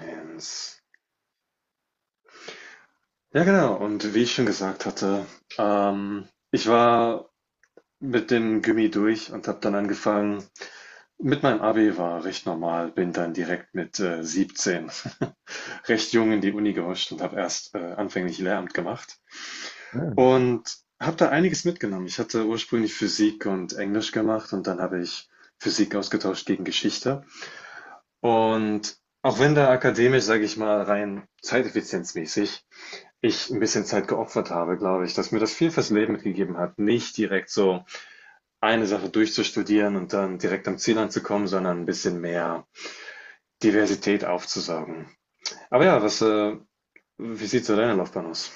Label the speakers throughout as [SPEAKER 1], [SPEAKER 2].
[SPEAKER 1] Eins. Ja, genau. Und wie ich schon gesagt hatte, ich war mit dem Gymi durch und habe dann angefangen. Mit meinem Abi war recht normal, bin dann direkt mit 17 recht jung in die Uni gehuscht und habe erst anfänglich Lehramt gemacht
[SPEAKER 2] Ah,
[SPEAKER 1] und habe da einiges mitgenommen. Ich hatte ursprünglich Physik und Englisch gemacht und dann habe ich Physik ausgetauscht gegen Geschichte. Und auch wenn da akademisch, sage ich mal, rein zeiteffizienzmäßig ich ein bisschen Zeit geopfert habe, glaube ich, dass mir das viel fürs Leben mitgegeben hat, nicht direkt so eine Sache durchzustudieren und dann direkt am Ziel anzukommen, sondern ein bisschen mehr Diversität aufzusaugen. Aber ja, wie sieht so deine Laufbahn aus?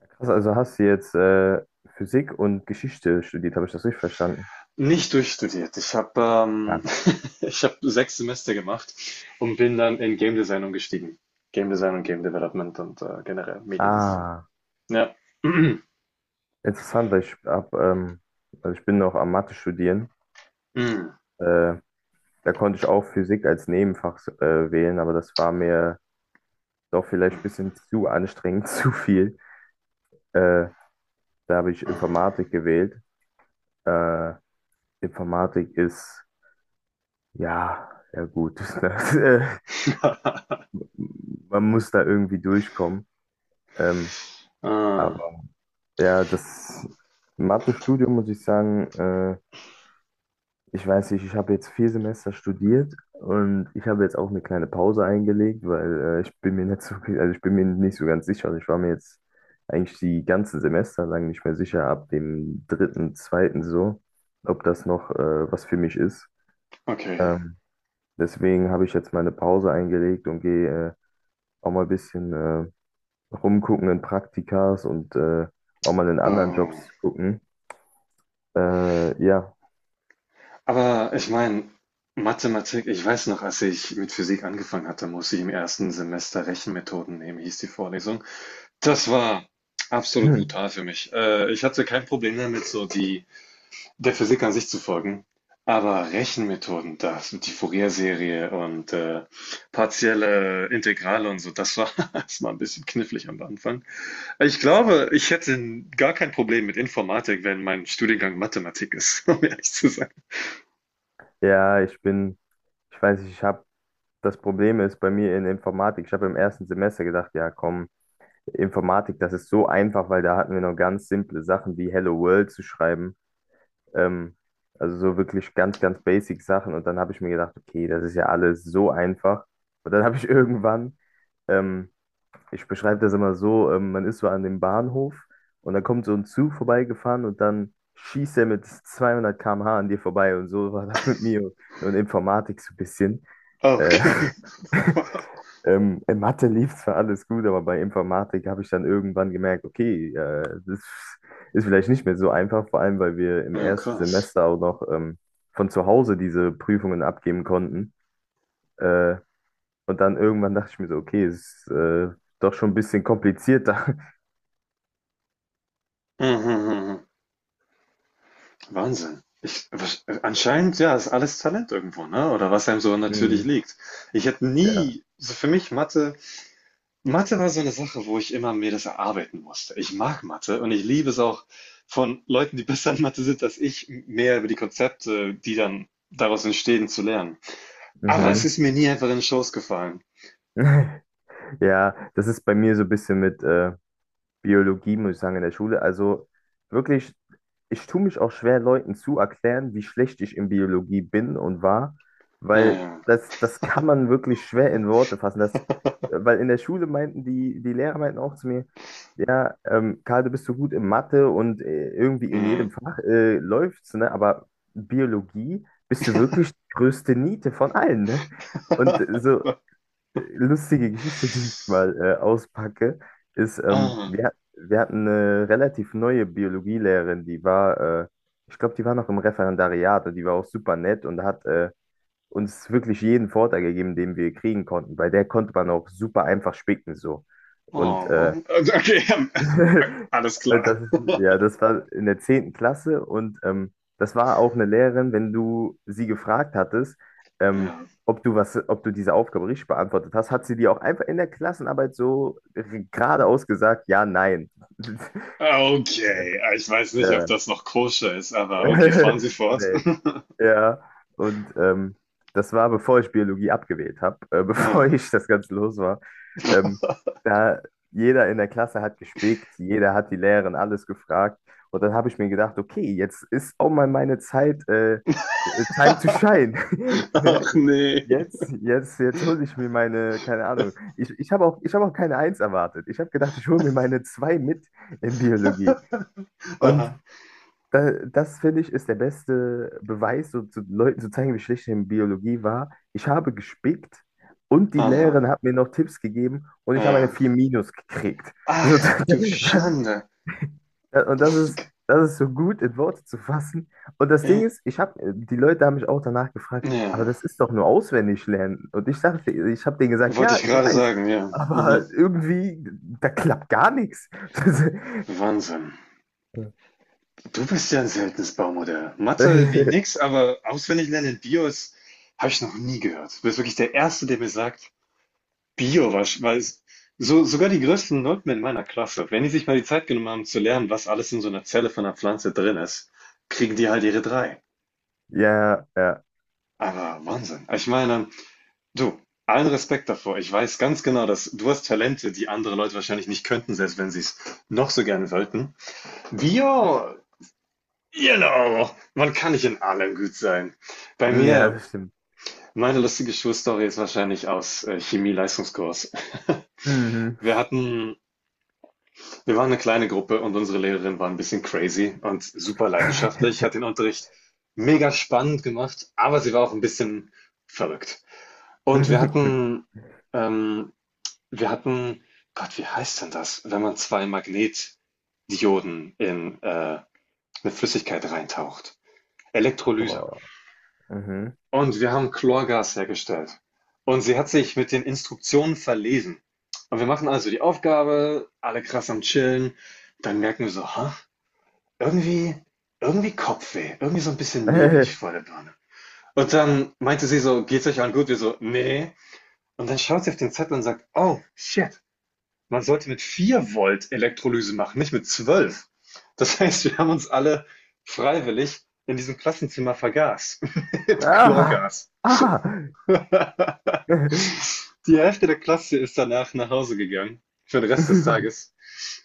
[SPEAKER 2] ja, krass, also hast du jetzt Physik und Geschichte studiert, habe ich das richtig verstanden?
[SPEAKER 1] Nicht durchstudiert.
[SPEAKER 2] Ja.
[SPEAKER 1] Ich habe 6 Semester gemacht und bin dann in Game Design umgestiegen. Game Design und Game Development und, generell Mediendesign.
[SPEAKER 2] Ah,
[SPEAKER 1] Ja.
[SPEAKER 2] interessant, weil ich hab, also ich bin noch am Mathe studieren.
[SPEAKER 1] Mhm.
[SPEAKER 2] Äh, Da konnte ich auch Physik als Nebenfach wählen, aber das war mir doch vielleicht ein bisschen zu anstrengend, zu viel. Äh, Da habe ich
[SPEAKER 1] Mhm.
[SPEAKER 2] Informatik gewählt. Äh, Informatik ist, ja, ja gut. Ne? Man muss da irgendwie durchkommen. Ähm,
[SPEAKER 1] Ah,
[SPEAKER 2] Ja, das Mathestudium muss ich sagen, ich weiß nicht, ich habe jetzt 4 Semester studiert und ich habe jetzt auch eine kleine Pause eingelegt, weil ich bin mir nicht so, also ich bin mir nicht so ganz sicher. Also ich war mir jetzt eigentlich die ganzen Semester lang nicht mehr sicher, ab dem dritten, zweiten so, ob das noch was für mich ist.
[SPEAKER 1] okay.
[SPEAKER 2] Ähm, Deswegen habe ich jetzt meine Pause eingelegt und gehe auch mal ein bisschen rumgucken in Praktikas und auch mal in anderen
[SPEAKER 1] Oh.
[SPEAKER 2] Jobs gucken. Ja.
[SPEAKER 1] Aber ich meine, Mathematik, ich weiß noch, als ich mit Physik angefangen hatte, musste ich im ersten Semester Rechenmethoden nehmen, hieß die Vorlesung. Das war absolut
[SPEAKER 2] Hm.
[SPEAKER 1] brutal für mich. Ich hatte kein Problem damit, so die der Physik an sich zu folgen, aber Rechenmethoden, das, die Fourier-Serie und partielle Integrale und so, das war, das war ein bisschen knifflig am Anfang. Ich glaube, ich hätte gar kein Problem mit Informatik, wenn mein Studiengang Mathematik ist, um ehrlich zu sein.
[SPEAKER 2] Ja, ich bin, ich weiß nicht, ich habe, das Problem ist bei mir in Informatik, ich habe im ersten Semester gedacht, ja komm, Informatik, das ist so einfach, weil da hatten wir noch ganz simple Sachen wie Hello World zu schreiben. Ähm, also so wirklich ganz, ganz basic Sachen. Und dann habe ich mir gedacht, okay, das ist ja alles so einfach. Und dann habe ich irgendwann ähm, ich beschreibe das immer so, man ist so an dem Bahnhof und dann kommt so ein Zug vorbeigefahren und dann schießt er mit 200 km/h an dir vorbei und so war das mit mir und Informatik so ein bisschen. Äh,
[SPEAKER 1] Okay. Wow.
[SPEAKER 2] in Mathe lief zwar alles gut, aber bei Informatik habe ich dann irgendwann gemerkt, okay, das ist vielleicht nicht mehr so einfach, vor allem weil wir im
[SPEAKER 1] Ja,
[SPEAKER 2] ersten
[SPEAKER 1] krass.
[SPEAKER 2] Semester auch noch von zu Hause diese Prüfungen abgeben konnten. Äh, und dann irgendwann dachte ich mir so, okay, es ist doch schon ein bisschen komplizierter.
[SPEAKER 1] Mhm, Wahnsinn. Ich, anscheinend, ja, ist alles Talent irgendwo, ne? Oder was einem so natürlich
[SPEAKER 2] Mhm.
[SPEAKER 1] liegt. Ich hätte
[SPEAKER 2] Ja.
[SPEAKER 1] nie, so für mich Mathe, Mathe war so eine Sache, wo ich immer mir das erarbeiten musste. Ich mag Mathe und ich liebe es auch von Leuten, die besser in Mathe sind als ich, mehr über die Konzepte, die dann daraus entstehen, zu lernen. Aber es
[SPEAKER 2] Mhm.
[SPEAKER 1] ist mir nie einfach in den Schoß gefallen.
[SPEAKER 2] Ja, das ist bei mir so ein bisschen mit Biologie, muss ich sagen, in der Schule. Also wirklich, ich tue mich auch schwer, Leuten zu erklären, wie schlecht ich in Biologie bin und war,
[SPEAKER 1] Ja,
[SPEAKER 2] weil
[SPEAKER 1] ja.
[SPEAKER 2] das, das kann man wirklich schwer in Worte fassen. Weil in der Schule meinten die Lehrer meinten auch zu mir, ja, Karl, du bist so gut in Mathe und irgendwie in jedem
[SPEAKER 1] Mhm.
[SPEAKER 2] Fach läuft's, ne? Aber Biologie bist du wirklich die größte Niete von allen, ne? Und so, lustige Geschichte, die ich mal auspacke, ist,
[SPEAKER 1] Ah,
[SPEAKER 2] wir hatten eine relativ neue Biologielehrerin, die war, ich glaube, die war noch im Referendariat und die war auch super nett und hat uns wirklich jeden Vorteil gegeben, den wir kriegen konnten. Bei der konnte man auch super einfach spicken so. Und äh,
[SPEAKER 1] oh. Also, okay,
[SPEAKER 2] Und
[SPEAKER 1] alles klar.
[SPEAKER 2] Das ist, ja, das war in der zehnten Klasse und das war auch eine Lehrerin, wenn du sie gefragt hattest, ähm,
[SPEAKER 1] Ja.
[SPEAKER 2] ob du diese Aufgabe richtig beantwortet hast, hat sie dir auch einfach in der Klassenarbeit so geradeaus gesagt, ja, nein.
[SPEAKER 1] Ah, okay, ah, ich weiß nicht, ob
[SPEAKER 2] Ja.
[SPEAKER 1] das noch koscher ist, aber okay, fahren Sie fort.
[SPEAKER 2] Nee. Ja, und das war, bevor ich Biologie abgewählt habe, bevor
[SPEAKER 1] Ja.
[SPEAKER 2] ich das Ganze los war. Ähm, Da jeder in der Klasse hat gespickt, jeder hat die Lehrerin alles gefragt. Und dann habe ich mir gedacht, okay, jetzt ist auch mal meine Zeit, time to shine. Ne?
[SPEAKER 1] Ach nee.
[SPEAKER 2] Jetzt, jetzt, jetzt hole ich mir meine, keine Ahnung. Ich habe auch keine Eins erwartet. Ich habe gedacht, ich hole mir meine zwei mit in Biologie. Und
[SPEAKER 1] Aha.
[SPEAKER 2] da, das finde ich ist der beste Beweis, so zu Leuten zu zeigen, wie schlecht ich in Biologie war. Ich habe gespickt und die
[SPEAKER 1] Aha.
[SPEAKER 2] Lehrerin hat mir noch Tipps gegeben und ich habe eine
[SPEAKER 1] Ja.
[SPEAKER 2] 4 minus gekriegt.
[SPEAKER 1] Ach,
[SPEAKER 2] So,
[SPEAKER 1] du Schande.
[SPEAKER 2] und das ist so gut in Worte zu fassen. Und das Ding
[SPEAKER 1] Äh,
[SPEAKER 2] ist, die Leute haben mich auch danach gefragt, aber
[SPEAKER 1] Ja.
[SPEAKER 2] das ist doch nur auswendig lernen. Und ich habe denen gesagt,
[SPEAKER 1] Wollte
[SPEAKER 2] ja,
[SPEAKER 1] ich
[SPEAKER 2] ich
[SPEAKER 1] gerade
[SPEAKER 2] weiß,
[SPEAKER 1] sagen, ja. Mhm.
[SPEAKER 2] aber irgendwie, da klappt gar nichts.
[SPEAKER 1] Wahnsinn. Du bist ja ein seltenes Baumodell. Mathe wie nix, aber auswendig lernen in Bios habe ich noch nie gehört. Du bist wirklich der Erste, der mir sagt, Bio wahrsch weil es so sogar die größten Nulpen in meiner Klasse, wenn die sich mal die Zeit genommen haben zu lernen, was alles in so einer Zelle von einer Pflanze drin ist, kriegen die halt ihre drei.
[SPEAKER 2] Ja, ja,
[SPEAKER 1] Aber Wahnsinn. Ich meine, du, allen Respekt davor. Ich weiß ganz genau, dass du hast Talente, die andere Leute wahrscheinlich nicht könnten, selbst wenn sie es noch so gerne wollten. Bio, genau, man kann nicht in allem gut sein. Bei
[SPEAKER 2] ja,
[SPEAKER 1] mir
[SPEAKER 2] das stimmt.
[SPEAKER 1] meine lustige Schulstory ist wahrscheinlich aus, Chemie-Leistungskurs.
[SPEAKER 2] Mhm.
[SPEAKER 1] Wir hatten Wir waren eine kleine Gruppe und unsere Lehrerin war ein bisschen crazy und super leidenschaftlich, hat den Unterricht mega spannend gemacht, aber sie war auch ein bisschen verrückt. Und wir hatten ähm, wir hatten Gott, wie heißt denn das, wenn man 2 Magnetdioden in, 'ne Flüssigkeit reintaucht? Elektrolyse.
[SPEAKER 2] Boah. Mhm.
[SPEAKER 1] Und wir haben Chlorgas hergestellt. Und sie hat sich mit den Instruktionen verlesen. Und wir machen also die Aufgabe, alle krass am Chillen. Dann merken wir so: ha. Irgendwie irgendwie Kopfweh, irgendwie so ein bisschen neblig vor der Birne. Und dann meinte sie so: „Geht's euch allen gut?“ Wir so: nee. Und dann schaut sie auf den Zettel und sagt: „Oh, shit, man sollte mit 4 Volt Elektrolyse machen, nicht mit 12. Das heißt, wir haben uns alle freiwillig in diesem Klassenzimmer vergaß mit
[SPEAKER 2] Ah!
[SPEAKER 1] Chlorgas.
[SPEAKER 2] Ah!
[SPEAKER 1] Die Hälfte der Klasse ist danach nach Hause gegangen für den Rest des Tages.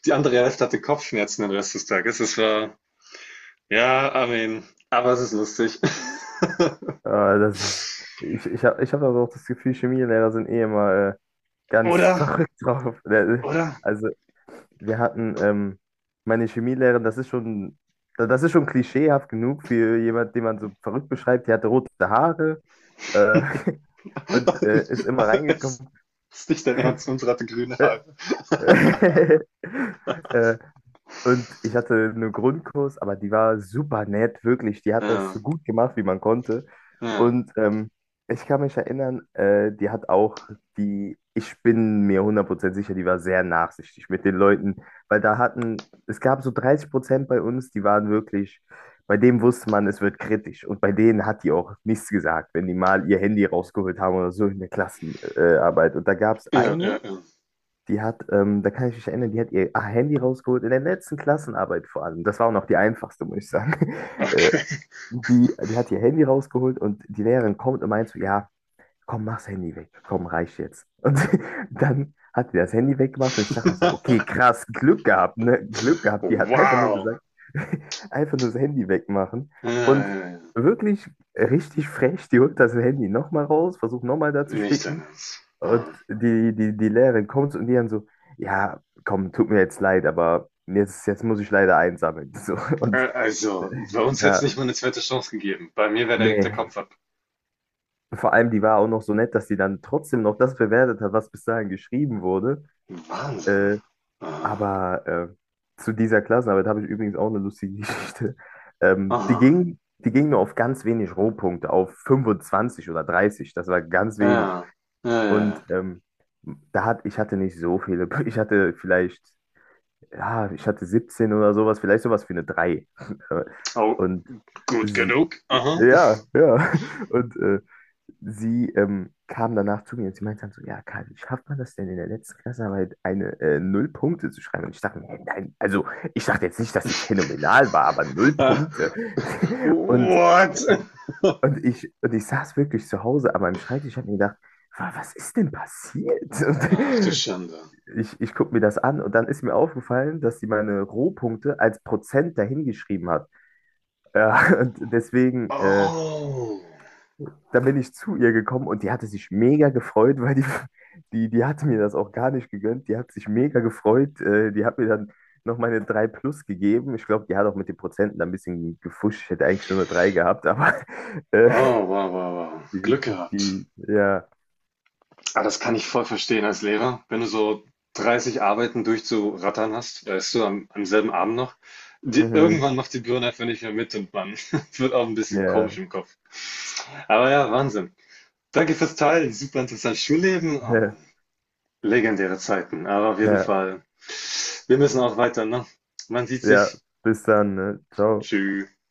[SPEAKER 1] Die andere Hälfte hatte Kopfschmerzen den Rest des Tages. Es war ja, I mean, aber es ist lustig.
[SPEAKER 2] Ah, das ist. Ich hab aber auch das Gefühl, Chemielehrer sind eh immer ganz
[SPEAKER 1] Oder?
[SPEAKER 2] verrückt drauf.
[SPEAKER 1] Oder?
[SPEAKER 2] Also, wir hatten meine Chemielehrerin, das ist schon, das ist schon klischeehaft genug für jemand, den man so verrückt beschreibt. Die hatte rote Haare, äh, und ist immer
[SPEAKER 1] Es
[SPEAKER 2] reingekommen.
[SPEAKER 1] ist nicht dein Ernst, unsere hatte grüne
[SPEAKER 2] Äh,
[SPEAKER 1] Haare.
[SPEAKER 2] äh, Und ich hatte einen Grundkurs, aber die war super nett, wirklich. Die hat das
[SPEAKER 1] Ja,
[SPEAKER 2] so gut gemacht, wie man konnte.
[SPEAKER 1] ja,
[SPEAKER 2] Und ich kann mich erinnern, die hat auch die, ich bin mir 100% sicher, die war sehr nachsichtig mit den Leuten, weil es gab so 30% bei uns, die waren wirklich, bei denen wusste man, es wird kritisch. Und bei denen hat die auch nichts gesagt, wenn die mal ihr Handy rausgeholt haben oder so in der Klassenarbeit. Und da gab es
[SPEAKER 1] ja,
[SPEAKER 2] eine,
[SPEAKER 1] ja, ja.
[SPEAKER 2] da kann ich mich erinnern, die hat ihr Handy rausgeholt in der letzten Klassenarbeit vor allem. Das war auch noch die einfachste, muss ich sagen. Äh,
[SPEAKER 1] Okay.
[SPEAKER 2] die hat ihr Handy rausgeholt und die Lehrerin kommt und meint so, ja, komm, mach's Handy weg. Komm, reicht jetzt. Und dann hat die das Handy weggemacht und ich dachte mir so, okay, krass, Glück gehabt, ne? Glück gehabt. Die hat einfach nur
[SPEAKER 1] Wow.
[SPEAKER 2] gesagt, einfach nur das Handy wegmachen.
[SPEAKER 1] Ja,
[SPEAKER 2] Und
[SPEAKER 1] ja, ja.
[SPEAKER 2] wirklich richtig frech, die holt das Handy nochmal raus, versucht nochmal da zu
[SPEAKER 1] Nicht dein
[SPEAKER 2] spicken.
[SPEAKER 1] Ernst.
[SPEAKER 2] Und
[SPEAKER 1] Ah.
[SPEAKER 2] die Lehrerin kommt und die dann so, ja, komm, tut mir jetzt leid, aber jetzt muss ich leider einsammeln. So, und
[SPEAKER 1] Also, bei uns hätte es nicht
[SPEAKER 2] ja,
[SPEAKER 1] mal eine zweite Chance gegeben. Bei mir wäre direkt der
[SPEAKER 2] nee.
[SPEAKER 1] Kopf ab.
[SPEAKER 2] Vor allem, die war auch noch so nett, dass sie dann trotzdem noch das bewertet hat, was bis dahin geschrieben wurde.
[SPEAKER 1] Wahnsinn.
[SPEAKER 2] Äh,
[SPEAKER 1] Ah.
[SPEAKER 2] aber zu dieser Klassenarbeit habe ich übrigens auch eine lustige Geschichte. Die
[SPEAKER 1] Aha.
[SPEAKER 2] ging, die ging nur auf ganz wenig Rohpunkte, auf 25 oder 30. Das war ganz wenig.
[SPEAKER 1] Ja, ja, ja,
[SPEAKER 2] Und
[SPEAKER 1] ja.
[SPEAKER 2] ich hatte nicht so viele, ich hatte vielleicht ja, ich hatte 17 oder sowas, vielleicht sowas wie eine drei.
[SPEAKER 1] Oh,
[SPEAKER 2] Und
[SPEAKER 1] gut
[SPEAKER 2] sie,
[SPEAKER 1] genug. Aha.
[SPEAKER 2] ja, ja. Und sie kam danach zu mir und sie meinte dann so, ja, Karl, wie schafft man das denn in der letzten Klassenarbeit eine 0 Punkte zu schreiben? Und ich dachte mir, hä, nein, also ich dachte jetzt nicht, dass sie phänomenal war, aber Null
[SPEAKER 1] Ah.
[SPEAKER 2] Punkte. Und,
[SPEAKER 1] What?
[SPEAKER 2] und ich saß wirklich zu Hause an meinem Schreibtisch und habe mir gedacht, was ist denn passiert?
[SPEAKER 1] Ach du Schande.
[SPEAKER 2] Ich gucke mir das an und dann ist mir aufgefallen, dass sie meine Rohpunkte als Prozent dahingeschrieben hat. Ja, und deswegen,
[SPEAKER 1] Oh.
[SPEAKER 2] dann bin ich zu ihr gekommen und die hatte sich mega gefreut, weil die, die hatte mir das auch gar nicht gegönnt. Die hat sich mega gefreut. Die hat mir dann noch meine 3 plus gegeben. Ich glaube, die hat auch mit den Prozenten ein bisschen gefuscht. Ich hätte eigentlich nur eine 3 gehabt, aber äh,
[SPEAKER 1] Oh, wow, wow, wow.
[SPEAKER 2] die,
[SPEAKER 1] Glück gehabt.
[SPEAKER 2] ja,
[SPEAKER 1] Ah, das kann ich voll verstehen als Lehrer. Wenn du so 30 Arbeiten durchzurattern hast, weißt du, am selben Abend noch, die,
[SPEAKER 2] mhm,
[SPEAKER 1] irgendwann macht die Birne einfach nicht mehr mit und man wird auch ein bisschen komisch
[SPEAKER 2] ja,
[SPEAKER 1] im Kopf. Aber ja, Wahnsinn. Danke fürs Teilen. Super interessantes Schulleben. Oh Mann, legendäre Zeiten. Aber auf jeden
[SPEAKER 2] ja,
[SPEAKER 1] Fall, wir müssen auch weiter, ne? Man sieht
[SPEAKER 2] ja,
[SPEAKER 1] sich.
[SPEAKER 2] bis dann, ne? Ciao.
[SPEAKER 1] Tschüss.